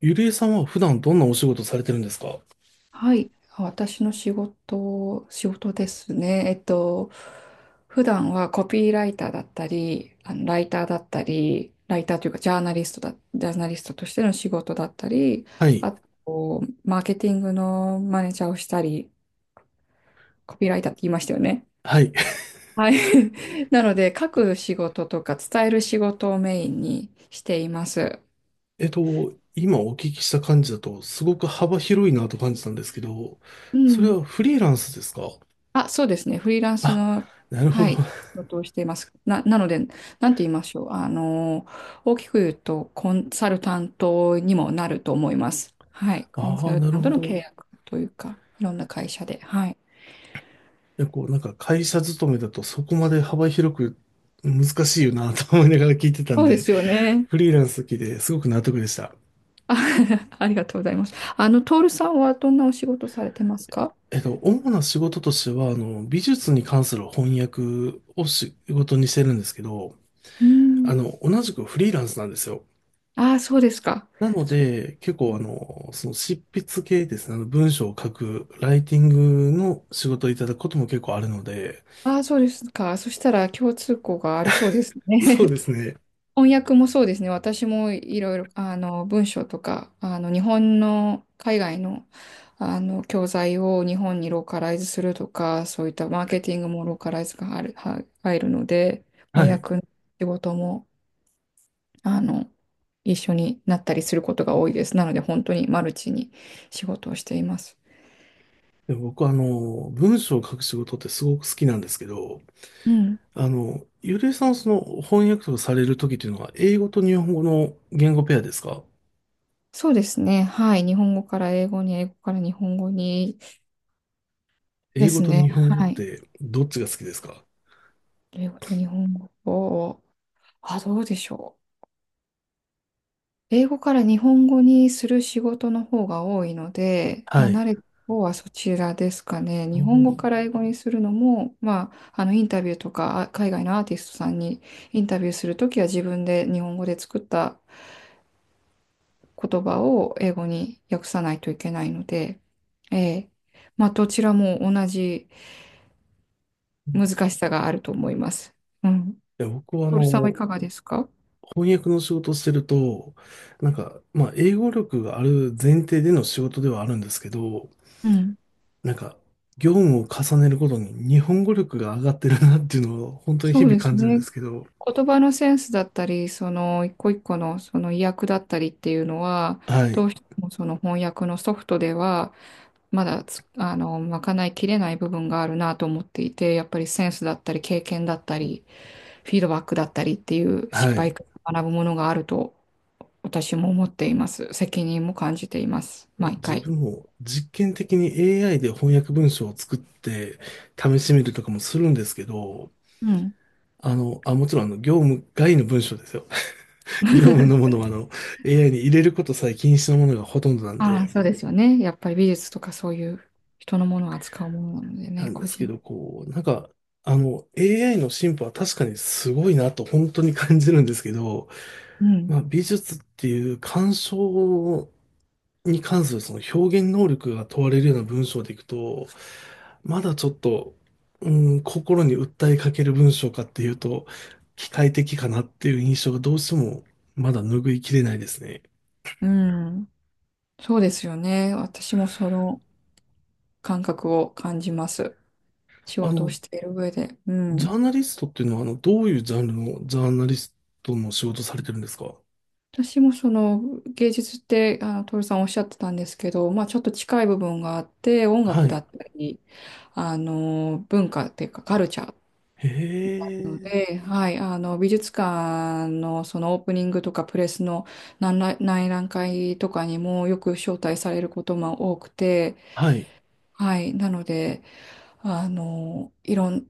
ゆりえさんは普段どんなお仕事されてるんですか？はい、私の仕事ですね。普段はコピーライターだったり、ライターだったり、ライターというかジャーナリストだ、ジャーナリストとしての仕事だったり、はい。あと、マーケティングのマネージャーをしたり、コピーライターって言いましたよね。はい。はい。なので、書く仕事とか伝える仕事をメインにしています。今お聞きした感じだと、すごく幅広いなと感じたんですけど、うそれん。はフリーランスですか？あ、そうですね。フリーランスあ、の、なるほはど。い、仕 事をしています。なので、なんて言いましょう。大きく言うと、コンサルタントにもなると思います。はい。コンあサあ、ルなタるンほトの契ど。約というか、いろんな会社で。はい。いや、こう、なんか会社勤めだとそこまで幅広く難しいよなと思いながら聞いてたんそうでで、すよね。フリーランス好きですごく納得でした。あ、ありがとうございます。あの、トールさんはどんなお仕事されてますか？主な仕事としては、美術に関する翻訳を仕事にしてるんですけど、うん。同じくフリーランスなんですよ。ああ、そうですか。なのそ、で、結構その執筆系ですね、あの文章を書く、ライティングの仕事をいただくことも結構あるので、ああ、そうですか。そしたら共通項がありそうですそうね。ですね。翻訳もそうですね。私もいろいろ、あの、文章とか、あの、日本の海外の、あの、教材を日本にローカライズするとか、そういったマーケティングもローカライズが入る、は入るので、は翻い。訳の仕事も、あの、一緒になったりすることが多いです。なので、本当にマルチに仕事をしています。で僕は文章を書く仕事ってすごく好きなんですけど、うん。ゆりえさんはその翻訳とかされるときっていうのは、英語と日本語の言語ペアですか？そうですね。はい。日本語から英語に、英語から日本語にで英語すとね。日本語っはい。てどっちが好きですか？英語と日本語を、あ、どうでしょう。英語から日本語にする仕事の方が多いので、はまあ、慣い。れた方はそちらですかね。あ日本の語いから英語にするのも、まあ、あのインタビューとか海外のアーティストさんにインタビューするときは自分で日本語で作った言葉を英語に訳さないといけないので、ええ、まあ、どちらも同じ難しさがあると思います。うん。や僕はトールさんはいかがですか？翻訳の仕事をしてると、なんか、まあ、英語力がある前提での仕事ではあるんですけど、うん。なんか、業務を重ねることに日本語力が上がってるなっていうのを本当にそ日う々です感じるんでね。すけど、言葉のセンスだったり、その一個一個のその意訳だったりっていうのは、はどい、うしてもその翻訳のソフトでは、まだつあの、賄いきれない部分があるなと思っていて、やっぱりセンスだったり、経験だったり、フィードバックだったりっていう失は敗い。から学ぶものがあると私も思っています。責任も感じています。毎自回。分も実験的に AI で翻訳文章を作って試してみるとかもするんですけど、うん。もちろん業務外の文章ですよ。業務のものはAI に入れることさえ禁止のものがほとんどなんああ、で、そうですよね。やっぱり美術とかそういう人のものを扱うものなのでなね、んで個すけ人。ど、こう、なんか、AI の進歩は確かにすごいなと本当に感じるんですけど、うん。まあ、美術っていう鑑賞に関するその表現能力が問われるような文章でいくと、まだちょっと、う心に訴えかける文章かっていうと、機械的かなっていう印象がどうしてもまだ拭いきれないですね。うん。そうですよね。私もその感覚を感じます。仕あ事をの、している上で。うジャん。ーナリストっていうのは、どういうジャンルのジャーナリストの仕事されてるんですか？私もその芸術って、あの、トさんおっしゃってたんですけど、まあちょっと近い部分があって、音は楽だい。ったり、あの、文化っていうかカルチャーへなのえ。で、はい、あの、美術館のそのオープニングとかプレスの内覧会とかにもよく招待されることも多くて、はい。はい、なので、あの、いろん、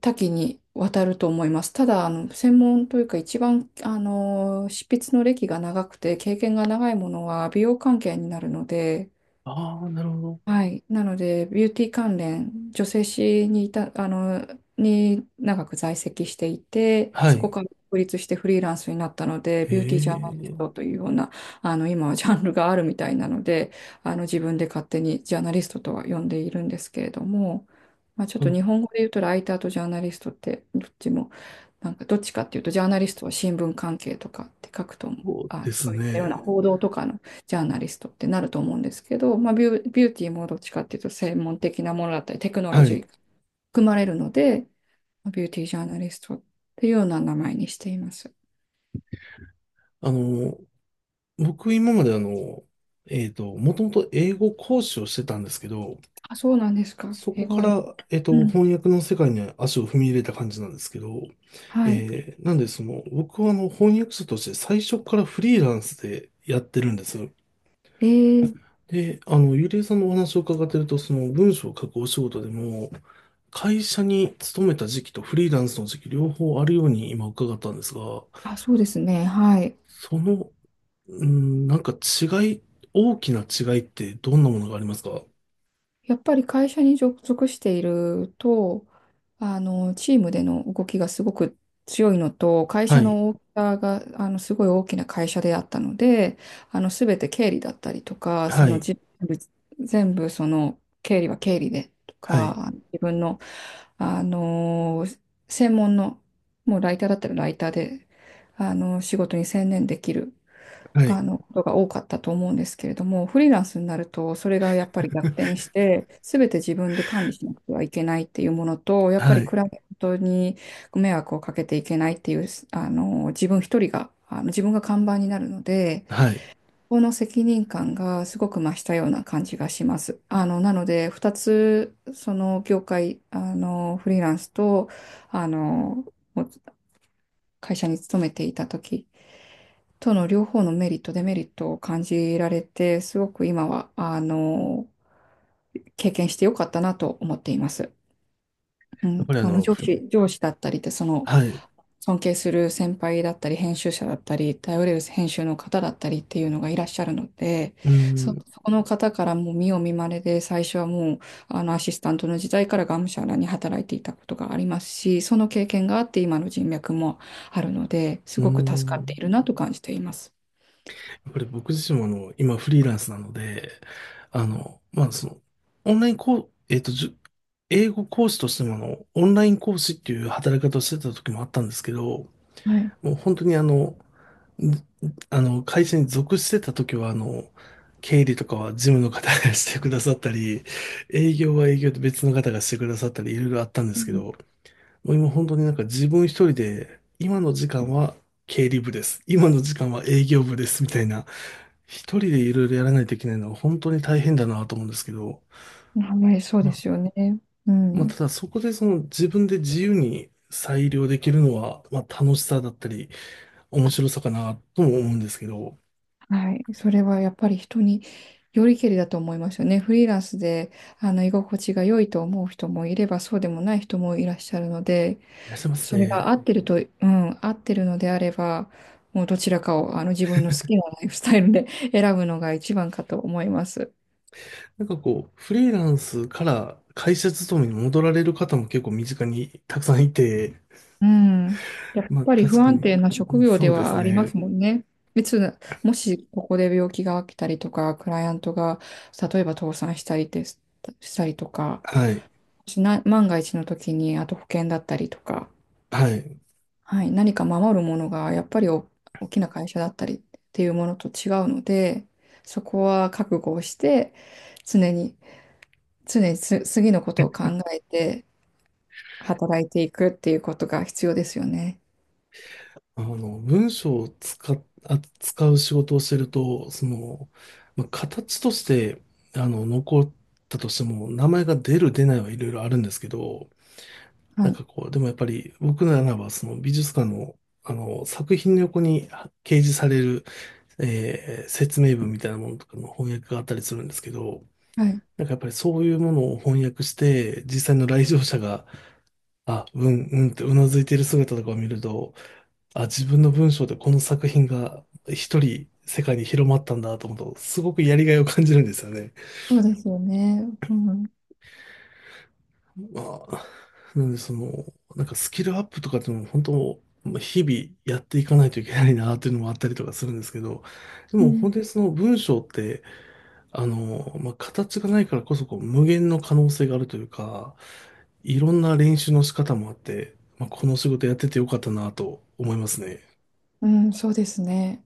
多岐にわたると思います。ただ、あの、専門というか一番、あの、執筆の歴が長くて経験が長いものは美容関係になるので、ああ、なるほど。はい。なので、ビューティー関連、女性誌にいた、あの、に長く在籍していて、はそこい。から独立してフリーランスになったので、へビューティージャーナリストえ。というような、あの、今はジャンルがあるみたいなので、あの、自分で勝手にジャーナリストとは呼んでいるんですけれども、まあ、ちょっあとの、日本語で言うとライターとジャーナリストって、どっちも、なんかどっちかっていうと、ジャーナリストは新聞関係とかって書くと思う、そうあ、ですそういったようなね。報道とかのジャーナリストってなると思うんですけど、まあ、ビューティーもどっちかっていうと専門的なものだったりテクノロはジーがい。含まれるので、ビューティージャーナリストっていうような名前にしています。あの、僕今までもともと英語講師をしてたんですけど、あ、そうなんですか。そ英こか語に。ら、うん。翻訳の世界に足を踏み入れた感じなんですけど、はい。なんでその、僕は翻訳者として最初からフリーランスでやってるんです。えー、で、ゆりえさんのお話を伺ってると、その文章を書くお仕事でも、会社に勤めた時期とフリーランスの時期両方あるように今伺ったんですが、あ、そうですね。はい。その、うん、なんか違い、大きな違いってどんなものがありますか？やっぱり会社に属していると、あの、チームでの動きがすごく強いのと、会は社い、の大きさが、あの、すごい大きな会社であったので、あの、すべて経理だったりとか、はい、全部、その、経理は経理でとはい、か、自分の、あの、専門の、もうライターだったらライターで、あの、仕事に専念できる。はい、あのことが多かったと思うんですけれども、フリーランスになると、それがやっぱり逆転して、すべて自分で管理しなくてはいけないっていうものと、やっぱはりい、クライアントにご迷惑をかけていけないっていう、あの自分一人が、あの自分が看板になるので、はい。この責任感がすごく増したような感じがします。あのなので、2つ、その業界、あのフリーランスと、あの会社に勤めていた時との両方のメリット、デメリットを感じられて、すごく今は、あの、経験してよかったなと思っています。うやっん、ぱり上司だったりって、その、はい、尊敬する先輩だったり、編集者だったり、頼れる編集の方だったりっていうのがいらっしゃるので、うん、そこの方からもう見よう見まねで、最初はもう、あの、アシスタントの時代からがむしゃらに働いていたことがありますし、その経験があって今の人脈もあるので、すうごく助ん。かっているやなと感じています。っぱり僕自身も今フリーランスなので、あの、まあその、オンラインこう、えっと、じゅ英語講師としてもオンライン講師っていう働き方をしてた時もあったんですけど、はい。もう本当にあの、ず会社に属してた時は経理とかは事務の方が してくださったり、営業は営業で別の方がしてくださったり、いろいろあったんでうすけん。ど、もう今本当になんか自分一人で、今の時間は経理部です。今の時間は営業部です。みたいな、一人でいろいろやらないといけないのは本当に大変だなと思うんですけど、はい、そうまであすよね。うまあ、たん。だそこでその自分で自由に裁量できるのは、まあ、楽しさだったり、面白さかなとも思うんですけど、はい。それはやっぱり人によりけりだと思いますよね。フリーランスで、あの、居心地が良いと思う人もいれば、そうでもない人もいらっしゃるので、いらっしゃいますそれが合ね。ってると、うん、合ってるのであれば、もうどちらかを、あの、自分の好きなライフスタイルで 選ぶのが一番かと思います。なんかこう、フリーランスから会社勤めに戻られる方も結構身近にたくさんいて、うん。やっまあぱり不確か安に、定な職業そでうですはありますね。もんね。いつ、もしここで病気が起きたりとか、クライアントが例えば倒産したりです、したりとか、はい。もしな、万が一の時に、あと保険だったりとか、はい。はい、何か守るものがやっぱり大きな会社だったりっていうものと違うので、そこは覚悟をして、常に、常に次のことを考えて働いていくっていうことが必要ですよね。あの、文章を使っ、あ使う仕事をしてると、その、まあ、形として、残ったとしても、名前が出る出ないはいろいろあるんですけど、はなんい。かこう、でもやっぱり僕ならばその美術館のあの作品の横に掲示される、えー説明文みたいなものとかの翻訳があったりするんですけど、はい、なんかやっぱりそういうものを翻訳して、実際の来場者が、あ、うんうんってうなずいている姿とかを見ると、あ、自分の文章でこの作品が一人世界に広まったんだと思うと、すごくやりがいを感じるんですよね。そうですよね。うん。まあ、なんでその、なんかスキルアップとかっていうのも本当、まあ日々やっていかないといけないなっていうのもあったりとかするんですけど、でうもん。本当にその文章って、まあ、形がないからこそこう無限の可能性があるというか、いろんな練習の仕方もあって、まあ、この仕事やっててよかったなと思いますね。うん、そうですね。